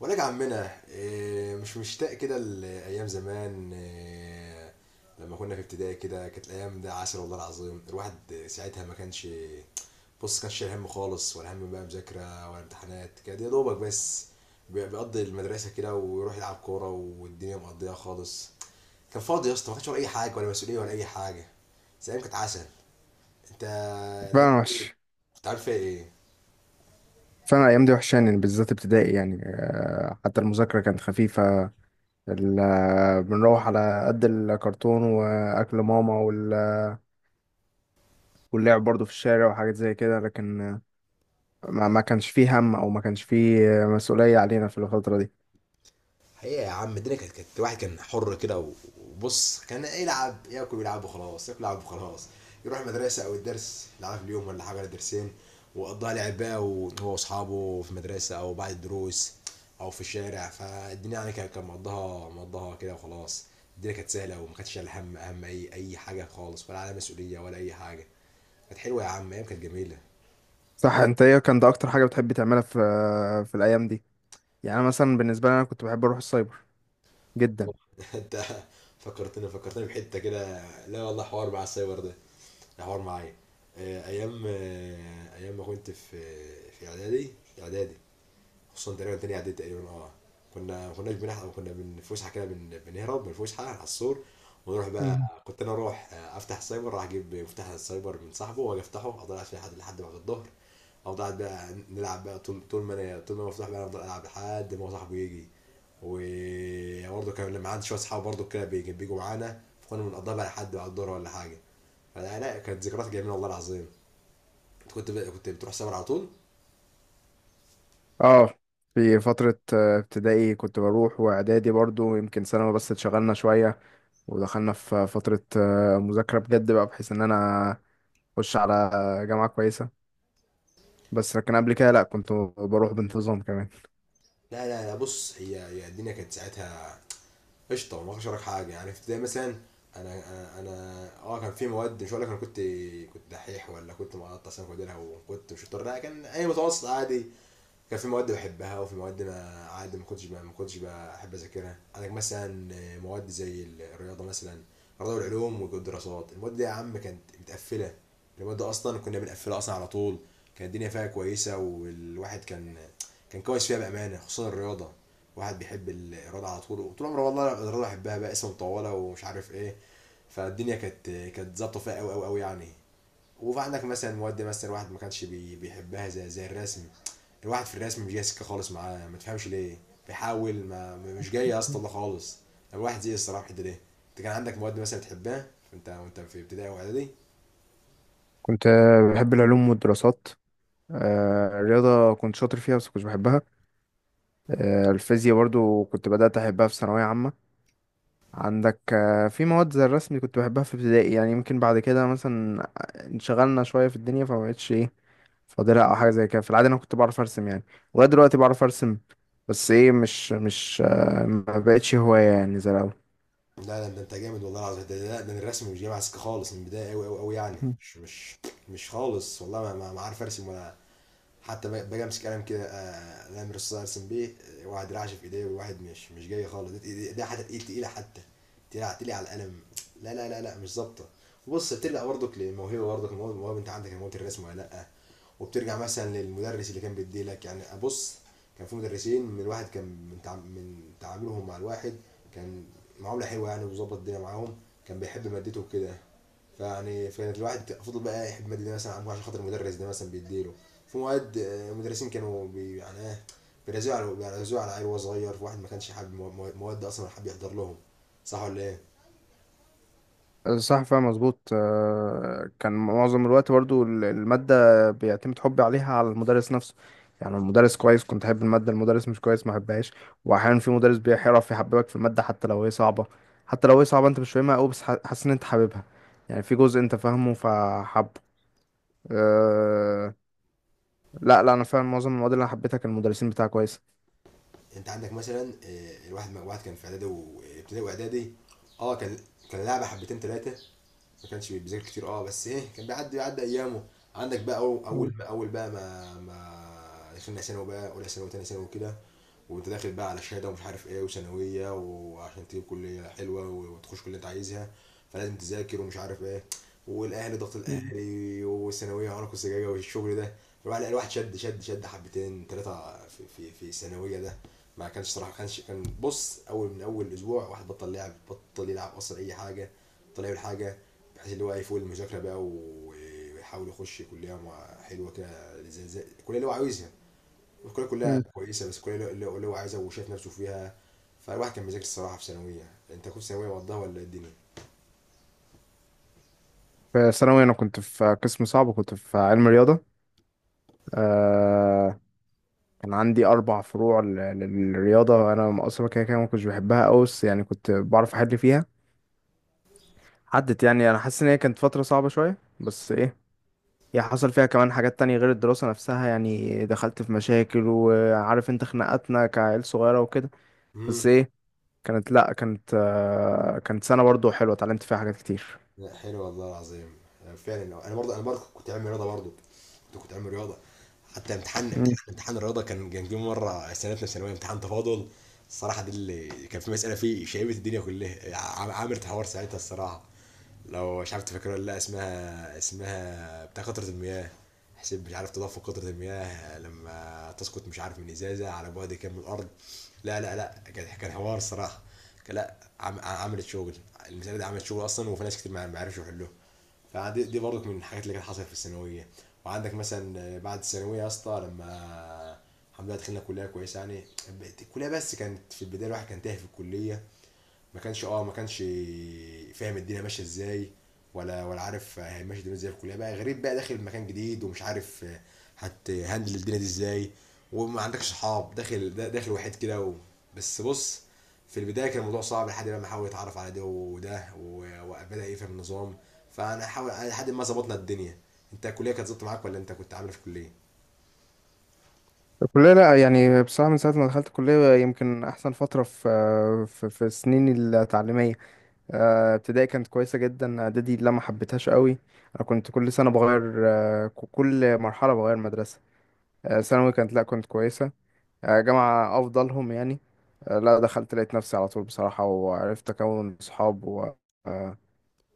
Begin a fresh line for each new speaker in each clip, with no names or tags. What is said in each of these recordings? ولك يا عمنا إيه، مش مشتاق كده لأيام زمان إيه، لما كنا في ابتدائي كده كانت الأيام ده عسل والله العظيم. الواحد ساعتها ما كانش، بص، كانش شايل هم خالص، ولا هم بقى مذاكرة ولا امتحانات. كان يا دوبك بس بيقضي المدرسة كده ويروح يلعب كورة والدنيا مقضية خالص. كان فاضي يا اسطى، ما كانش ورا أي حاجة ولا مسؤولية ولا أي حاجة، بس الأيام كانت عسل. أنت،
فعلا وحش.
أنت عارف فيها إيه؟
فعلا الأيام دي وحشاني، بالذات ابتدائي، يعني حتى المذاكرة كانت خفيفة. بنروح على قد الكرتون وأكل ماما واللعب برضو في الشارع وحاجات زي كده، لكن ما كانش فيه هم، أو ما كانش فيه مسؤولية علينا في الفترة دي.
حقيقة يا عم الدنيا كانت الواحد كان حر كده وبص كان يلعب، ياكل ويلعب وخلاص، ياكل ويلعب وخلاص. يروح المدرسة أو الدرس يلعب في اليوم، ولا حاجة ولا درسين، وقضاها لعب بقى وهو وأصحابه في المدرسة أو بعد الدروس أو في الشارع. فالدنيا يعني كان مقضاها كده وخلاص. الدنيا كانت سهلة وما كانتش شايل هم أهم أي حاجة خالص، ولا على مسؤولية ولا أي حاجة. كانت حلوة يا عم، أيام كانت جميلة.
صح، أنت إيه كان ده أكتر حاجة بتحب تعملها في في الأيام دي؟ يعني أنا مثلا بالنسبة لي أنا كنت بحب أروح السايبر جدا.
انت، فكرتني بحته كده. لا والله، حوار مع السايبر ده، ده حوار معايا. ايام ما كنت في اعدادي. اعدادي، خصوصا تقريبا تاني اعدادي تقريبا. اه كنا ما كناش بنحضر، كنا من فسحه كده بنهرب من الفسحه على السور ونروح بقى. كنت انا اروح افتح سايبر، راح اجيب مفتاح السايبر من صاحبه واجي افتحه، افضل قاعد فيه لحد بعد الظهر. افضل قاعد بقى نلعب بقى، طول ما أنا مفتوح بقى أنا افضل العب لحد ما هو صاحبه يجي. وبرضه كان لما عندي شويه اصحاب برضه كده بيجوا معانا، فكنا بنقضيها بقى لحد بعد الظهر ولا حاجه. فلا، لا كانت ذكريات جميله والله العظيم. انت كنت بقى كنت بتروح سايبر على طول؟
اه، في فترة ابتدائي كنت بروح، واعدادي برضو، يمكن ثانوي بس اتشغلنا شوية ودخلنا في فترة مذاكرة بجد، بقى بحيث ان انا اخش على جامعة كويسة، بس لكن قبل كده لا كنت بروح بانتظام كمان.
لا لا لا، بص، هي الدنيا كانت ساعتها قشطه، ما اقدرش حاجه. يعني في ابتدائي مثلا انا كان في مواد، مش هقول لك انا كنت كنت دحيح ولا كنت مقطع سنه كوديرها، وكنت مش شاطر، لا كان اي متوسط عادي. كان في مواد بحبها وفي مواد، ما عادي، ما كنتش بحب اذاكرها. عندك مثلا مواد زي الرياضه مثلا، الرياضه والعلوم والدراسات. المواد دي يا عم كانت متقفله، المواد اصلا كنا بنقفلها اصلا على طول. كانت الدنيا فيها كويسه، والواحد كان كويس فيها بامانه، خصوصا الرياضه. واحد بيحب الرياضه على طول وطول عمره، والله الرياضه بحبها بقى، اسمها مطوله ومش عارف ايه. فالدنيا كانت ظابطه فيها قوي قوي قوي يعني. وفي عندك مثلا مواد، مثلا الواحد ما كانش بيحبها زي الرسم. الواحد في الرسم مش جاي سكه خالص معاه، ما تفهمش ليه. بيحاول، مش جاي يا اسطى والله خالص. الواحد زي الصراحه في الحته دي. انت كان عندك مواد مثلا بتحبها وانت في ابتدائي واعدادي؟
كنت بحب العلوم والدراسات، الرياضة كنت شاطر فيها بس كنتش بحبها. الفيزياء برضو كنت بدأت أحبها في ثانوية عامة. عندك في مواد زي الرسم كنت بحبها في ابتدائي، يعني يمكن بعد كده مثلا انشغلنا شوية في الدنيا فمبقتش ايه فاضلها او حاجه زي كده. في العاده انا كنت بعرف ارسم، يعني ولغايه دلوقتي بعرف ارسم، بس ايه مش مش آه، ما بقتش هوايه يعني زي الاول.
لا لا، ده انت جامد والله العظيم. ده الرسم مش جاي معاه سكه خالص من البدايه قوي قوي قوي يعني،
مم.
مش مش خالص والله. ما عارف ارسم ولا حتى. باجي امسك قلم كده، الامر الصغير ارسم بيه، واحد رعش في ايديه، وواحد مش جاي خالص. ده حتى تقيل، تقيله، حتى تقيله تقيله على القلم. لا لا لا لا مش ظابطه. وبص بترجع برضك للموهبه، برضك الموهبه، الموهبة انت عندك موهبه الرسم ولا لا؟ وبترجع مثلا للمدرس اللي كان بيديلك، يعني ابص كان في مدرسين، من الواحد كان من تع- من تعاملهم مع الواحد كان معامله حلوه يعني، وظبط الدنيا معاهم. كان بيحب مادته وكده، فيعني فكانت الواحد فضل بقى يحب الماده دي مثلا عشان خاطر المدرس ده مثلا بيديله. في مواد، مدرسين كانوا يعني ايه، بيرزقوا على العيل وهو صغير. في واحد ما كانش حابب مواد اصلا، ولا حابب يحضر لهم. صح ولا ايه؟
صح، فاهم مظبوط. كان معظم الوقت برضو المادة بيعتمد حبي عليها على المدرس نفسه. يعني المدرس كويس كنت أحب المادة، المدرس مش كويس ما أحبهاش. وأحيانا في مدرس بيعرف يحببك في المادة حتى لو هي صعبة، حتى لو هي صعبة أنت مش فاهمها أوي، بس حاسس إن أنت حاببها، يعني في جزء أنت فاهمه فحبه. لا لا، انا فعلا معظم المواد اللي انا حبيتها كان المدرسين بتاعها كويسه.
انت عندك مثلا الواحد، واحد كان في اعدادي، وابتدائي واعدادي. اه كان كان لعبه حبتين ثلاثه، ما كانش بيذاكر كتير. اه بس ايه كان بيعدي ايامه. عندك بقى أو- اول
مم.
اول بقى ما دخلنا ثانوي بقى، اولى ثانوي وثانيه ثانوي وكده. وانت داخل بقى على شهاده ومش عارف ايه، وثانويه، وعشان تجيب كليه حلوه وتخش كليه اللي انت عايزها. فلازم تذاكر ومش عارف ايه، والاهلي ضغط
مم.
الاهلي، والثانويه عنق الزجاجه والشغل ده. الواحد، لا، الواحد شد شد شد حبتين ثلاثه في الثانويه ده. ما كانش صراحه، كان بص، من اول اسبوع واحد بطل لعب، بطل يلعب اصلا اي حاجه، بطل يعمل حاجه. بحيث اللي هو يفوق المذاكره بقى، ويحاول يخش كليه حلوه كده زي الكليه اللي هو عاوزها. الكليه كلها
مم.
كويسه، بس الكليه اللي هو عايزها وشايف نفسه فيها. فالواحد كان بيذاكر الصراحه في ثانويه. انت كنت ثانويه مقضاها ولا إيه الدنيا؟
في ثانوي انا كنت في قسم صعب وكنت في علم رياضه. آه، كان عندي اربع فروع للرياضه. انا اصلا كده كده ما كنتش بحبها قوي، بس يعني كنت بعرف احل فيها. عدت، يعني انا حاسس ان هي كانت فتره صعبه شويه، بس ايه هي حصل فيها كمان حاجات تانية غير الدراسة نفسها، يعني دخلت في مشاكل، وعارف انت خناقاتنا كعيل صغيرة وكده.
امم.
بس ايه كانت، لا كانت آه، كانت سنة برضو حلوة اتعلمت فيها حاجات كتير.
لا حلو والله العظيم. فعلا، انا برضه كنت عامل رياضه برضه، كنت عامل رياضه. حتى امتحان، امتحان الرياضه كان جه مره سنتنا في ثانويه امتحان تفاضل. الصراحه دي اللي كان في مساله فيه شايبه الدنيا كلها، عامل حوار ساعتها الصراحه. لو مش عارف تفكر ولا لا، اسمها، اسمها بتاع قطرة المياه، حسين مش عارف. تضاف قطرة المياه لما تسقط، مش عارف من ازازة، على بعد كام من الارض. لا لا لا، كان حوار الصراحة. كان، لا، عملت شغل. المسألة دي عملت شغل اصلا، وفي ناس كتير ما عرفش يحلوها. فدي، دي برضك من الحاجات اللي كانت حصلت في الثانوية. وعندك مثلا بعد الثانوية يا اسطى لما، الحمد لله دخلنا كلية كويسة يعني. الكلية بس كانت في البداية الواحد كان تايه في الكلية، ما كانش ما كانش فاهم الدنيا ماشيه ازاي، ولا عارف هيمشي الدنيا ازاي في الكليه بقى، غريب بقى داخل مكان جديد ومش عارف هتهندل الدنيا دي ازاي. وما عندكش صحاب، داخل داخل وحيد كده و... بس بص في البدايه كان الموضوع صعب لحد بقى ما حاول يتعرف على ده وده وبدا يفهم النظام، فانا حاول لحد ما ظبطنا الدنيا. انت الكليه كانت ظبطت معاك ولا انت كنت عامل إيه في الكليه؟
الكلية لا، يعني بصراحة من ساعة ما دخلت الكلية يمكن أحسن فترة في في سنيني التعليمية. ابتدائي كانت كويسة جدا، إعدادي لا ما حبيتهاش قوي، أنا كنت كل سنة بغير كل مرحلة بغير مدرسة. ثانوي كانت، لا كنت كويسة. جامعة أفضلهم يعني. لا دخلت لقيت نفسي على طول بصراحة، وعرفت أكون صحاب، و آه،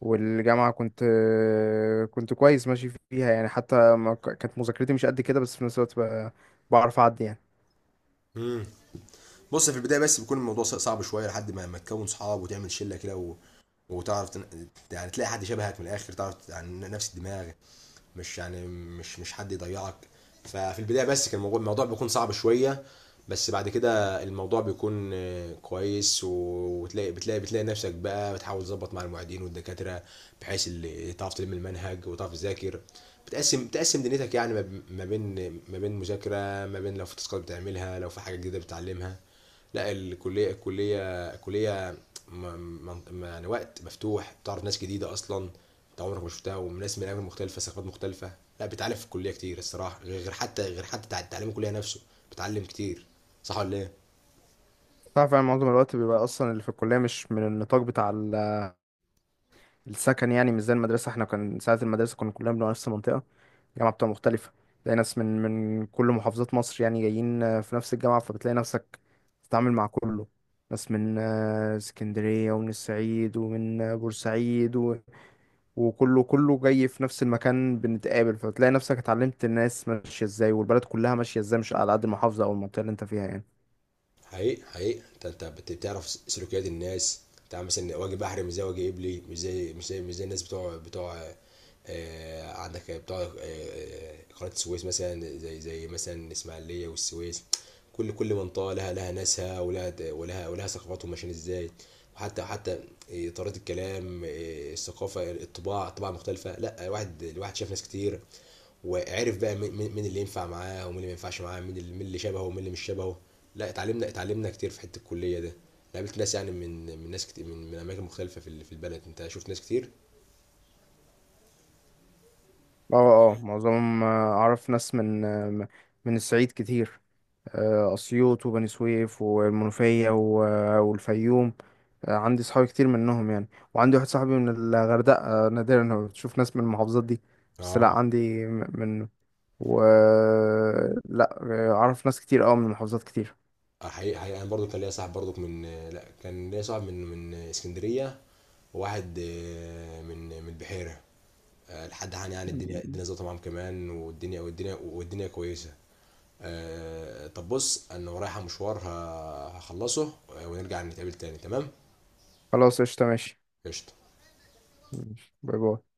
والجامعة كنت كنت كويس ماشي فيها، يعني حتى ما كانت مذاكرتي مش قد كده، بس في نفس الوقت بعرف أعدي يعني.
امم. بص في البدايه بس بيكون الموضوع صعب شويه لحد ما تكون صحاب وتعمل شله كده و... وتعرف تن... يعني تلاقي حد شبهك من الاخر، تعرف يعني نفس الدماغ، مش يعني مش حد يضيعك. ففي البدايه بس كان الموضوع بيكون صعب شويه. بس بعد كده الموضوع بيكون، كويس، وتلاقي بتلاقي نفسك بقى بتحاول تظبط مع المعيدين والدكاتره، بحيث اللي تعرف تلم المنهج وتعرف تذاكر. بتقسم، بتقسم دنيتك يعني ما بين مذاكره، ما بين لو في تاسكات بتعملها، لو في حاجه جديده بتتعلمها. لا الكليه الكليه كليه م- م- م- يعني وقت مفتوح، بتعرف ناس جديده اصلا انت عمرك ما شفتها، وناس من اماكن مختلفه ثقافات مختلفه. لا بتعلم في الكليه كتير الصراحه، غير حتى تعليم الكليه نفسه، بتعلم كتير. صح ولا ايه؟
صح فعلا. معظم الوقت بيبقى اصلا اللي في الكليه مش من النطاق بتاع السكن، يعني مش زي المدرسه. احنا كان ساعه المدرسه كنا كلنا بنبقى نفس المنطقه، الجامعه بتبقى مختلفه، تلاقي ناس من كل محافظات مصر يعني جايين في نفس الجامعه، فبتلاقي نفسك بتتعامل مع كله. ناس من اسكندريه، ومن الصعيد، ومن بورسعيد، و... وكله كله جاي في نفس المكان بنتقابل، فبتلاقي نفسك اتعلمت الناس ماشيه ازاي والبلد كلها ماشيه ازاي، مش على قد المحافظه او المنطقه اللي انت فيها يعني.
حقيقي حقيقي انت بتعرف سلوكيات الناس. بتاع مثلا واجه بحري مش زي واجه قبلي، مش زي الناس بتوع. عندك بتوع قناة السويس مثلا، زي مثلا الإسماعيلية والسويس. كل منطقة لها ناسها ولها ثقافتهم ماشيين ازاي. وحتى طريقة الكلام، الثقافة الطباع، طباع مختلفة. لا واحد، الواحد شاف ناس كتير، وعرف بقى مين، مين اللي ينفع معاه ومين اللي ما ينفعش معاه، مين اللي، مين اللي شبهه ومين اللي مش شبهه. لا اتعلمنا كتير في حته الكليه ده. أنا قابلت ناس يعني من، من ناس كتير من اماكن مختلفه في في البلد. انت شفت ناس كتير؟
اه. اه، معظمهم اعرف ناس من من الصعيد كتير، اسيوط وبني سويف والمنوفية والفيوم. عندي صحابي كتير منهم يعني، وعندي واحد صاحبي من الغردقة. نادرا ما بتشوف ناس من المحافظات دي. بس لا
اه.
عندي من، و لا اعرف ناس كتير اوي من محافظات كتير.
حقيقي حقيقي انا برضو كان ليا صاحب برضو من لا كان ليا صاحب من من اسكندريه، وواحد من من البحيره. لحد عن يعني، الدنيا ظبطت معاهم كمان، والدنيا كويسه. طب بص انا ورايا مشوار هخلصه، ونرجع نتقابل تاني، تمام؟
خلاص، قشطة، ماشي.
قشطه.
ماشي. باي باي.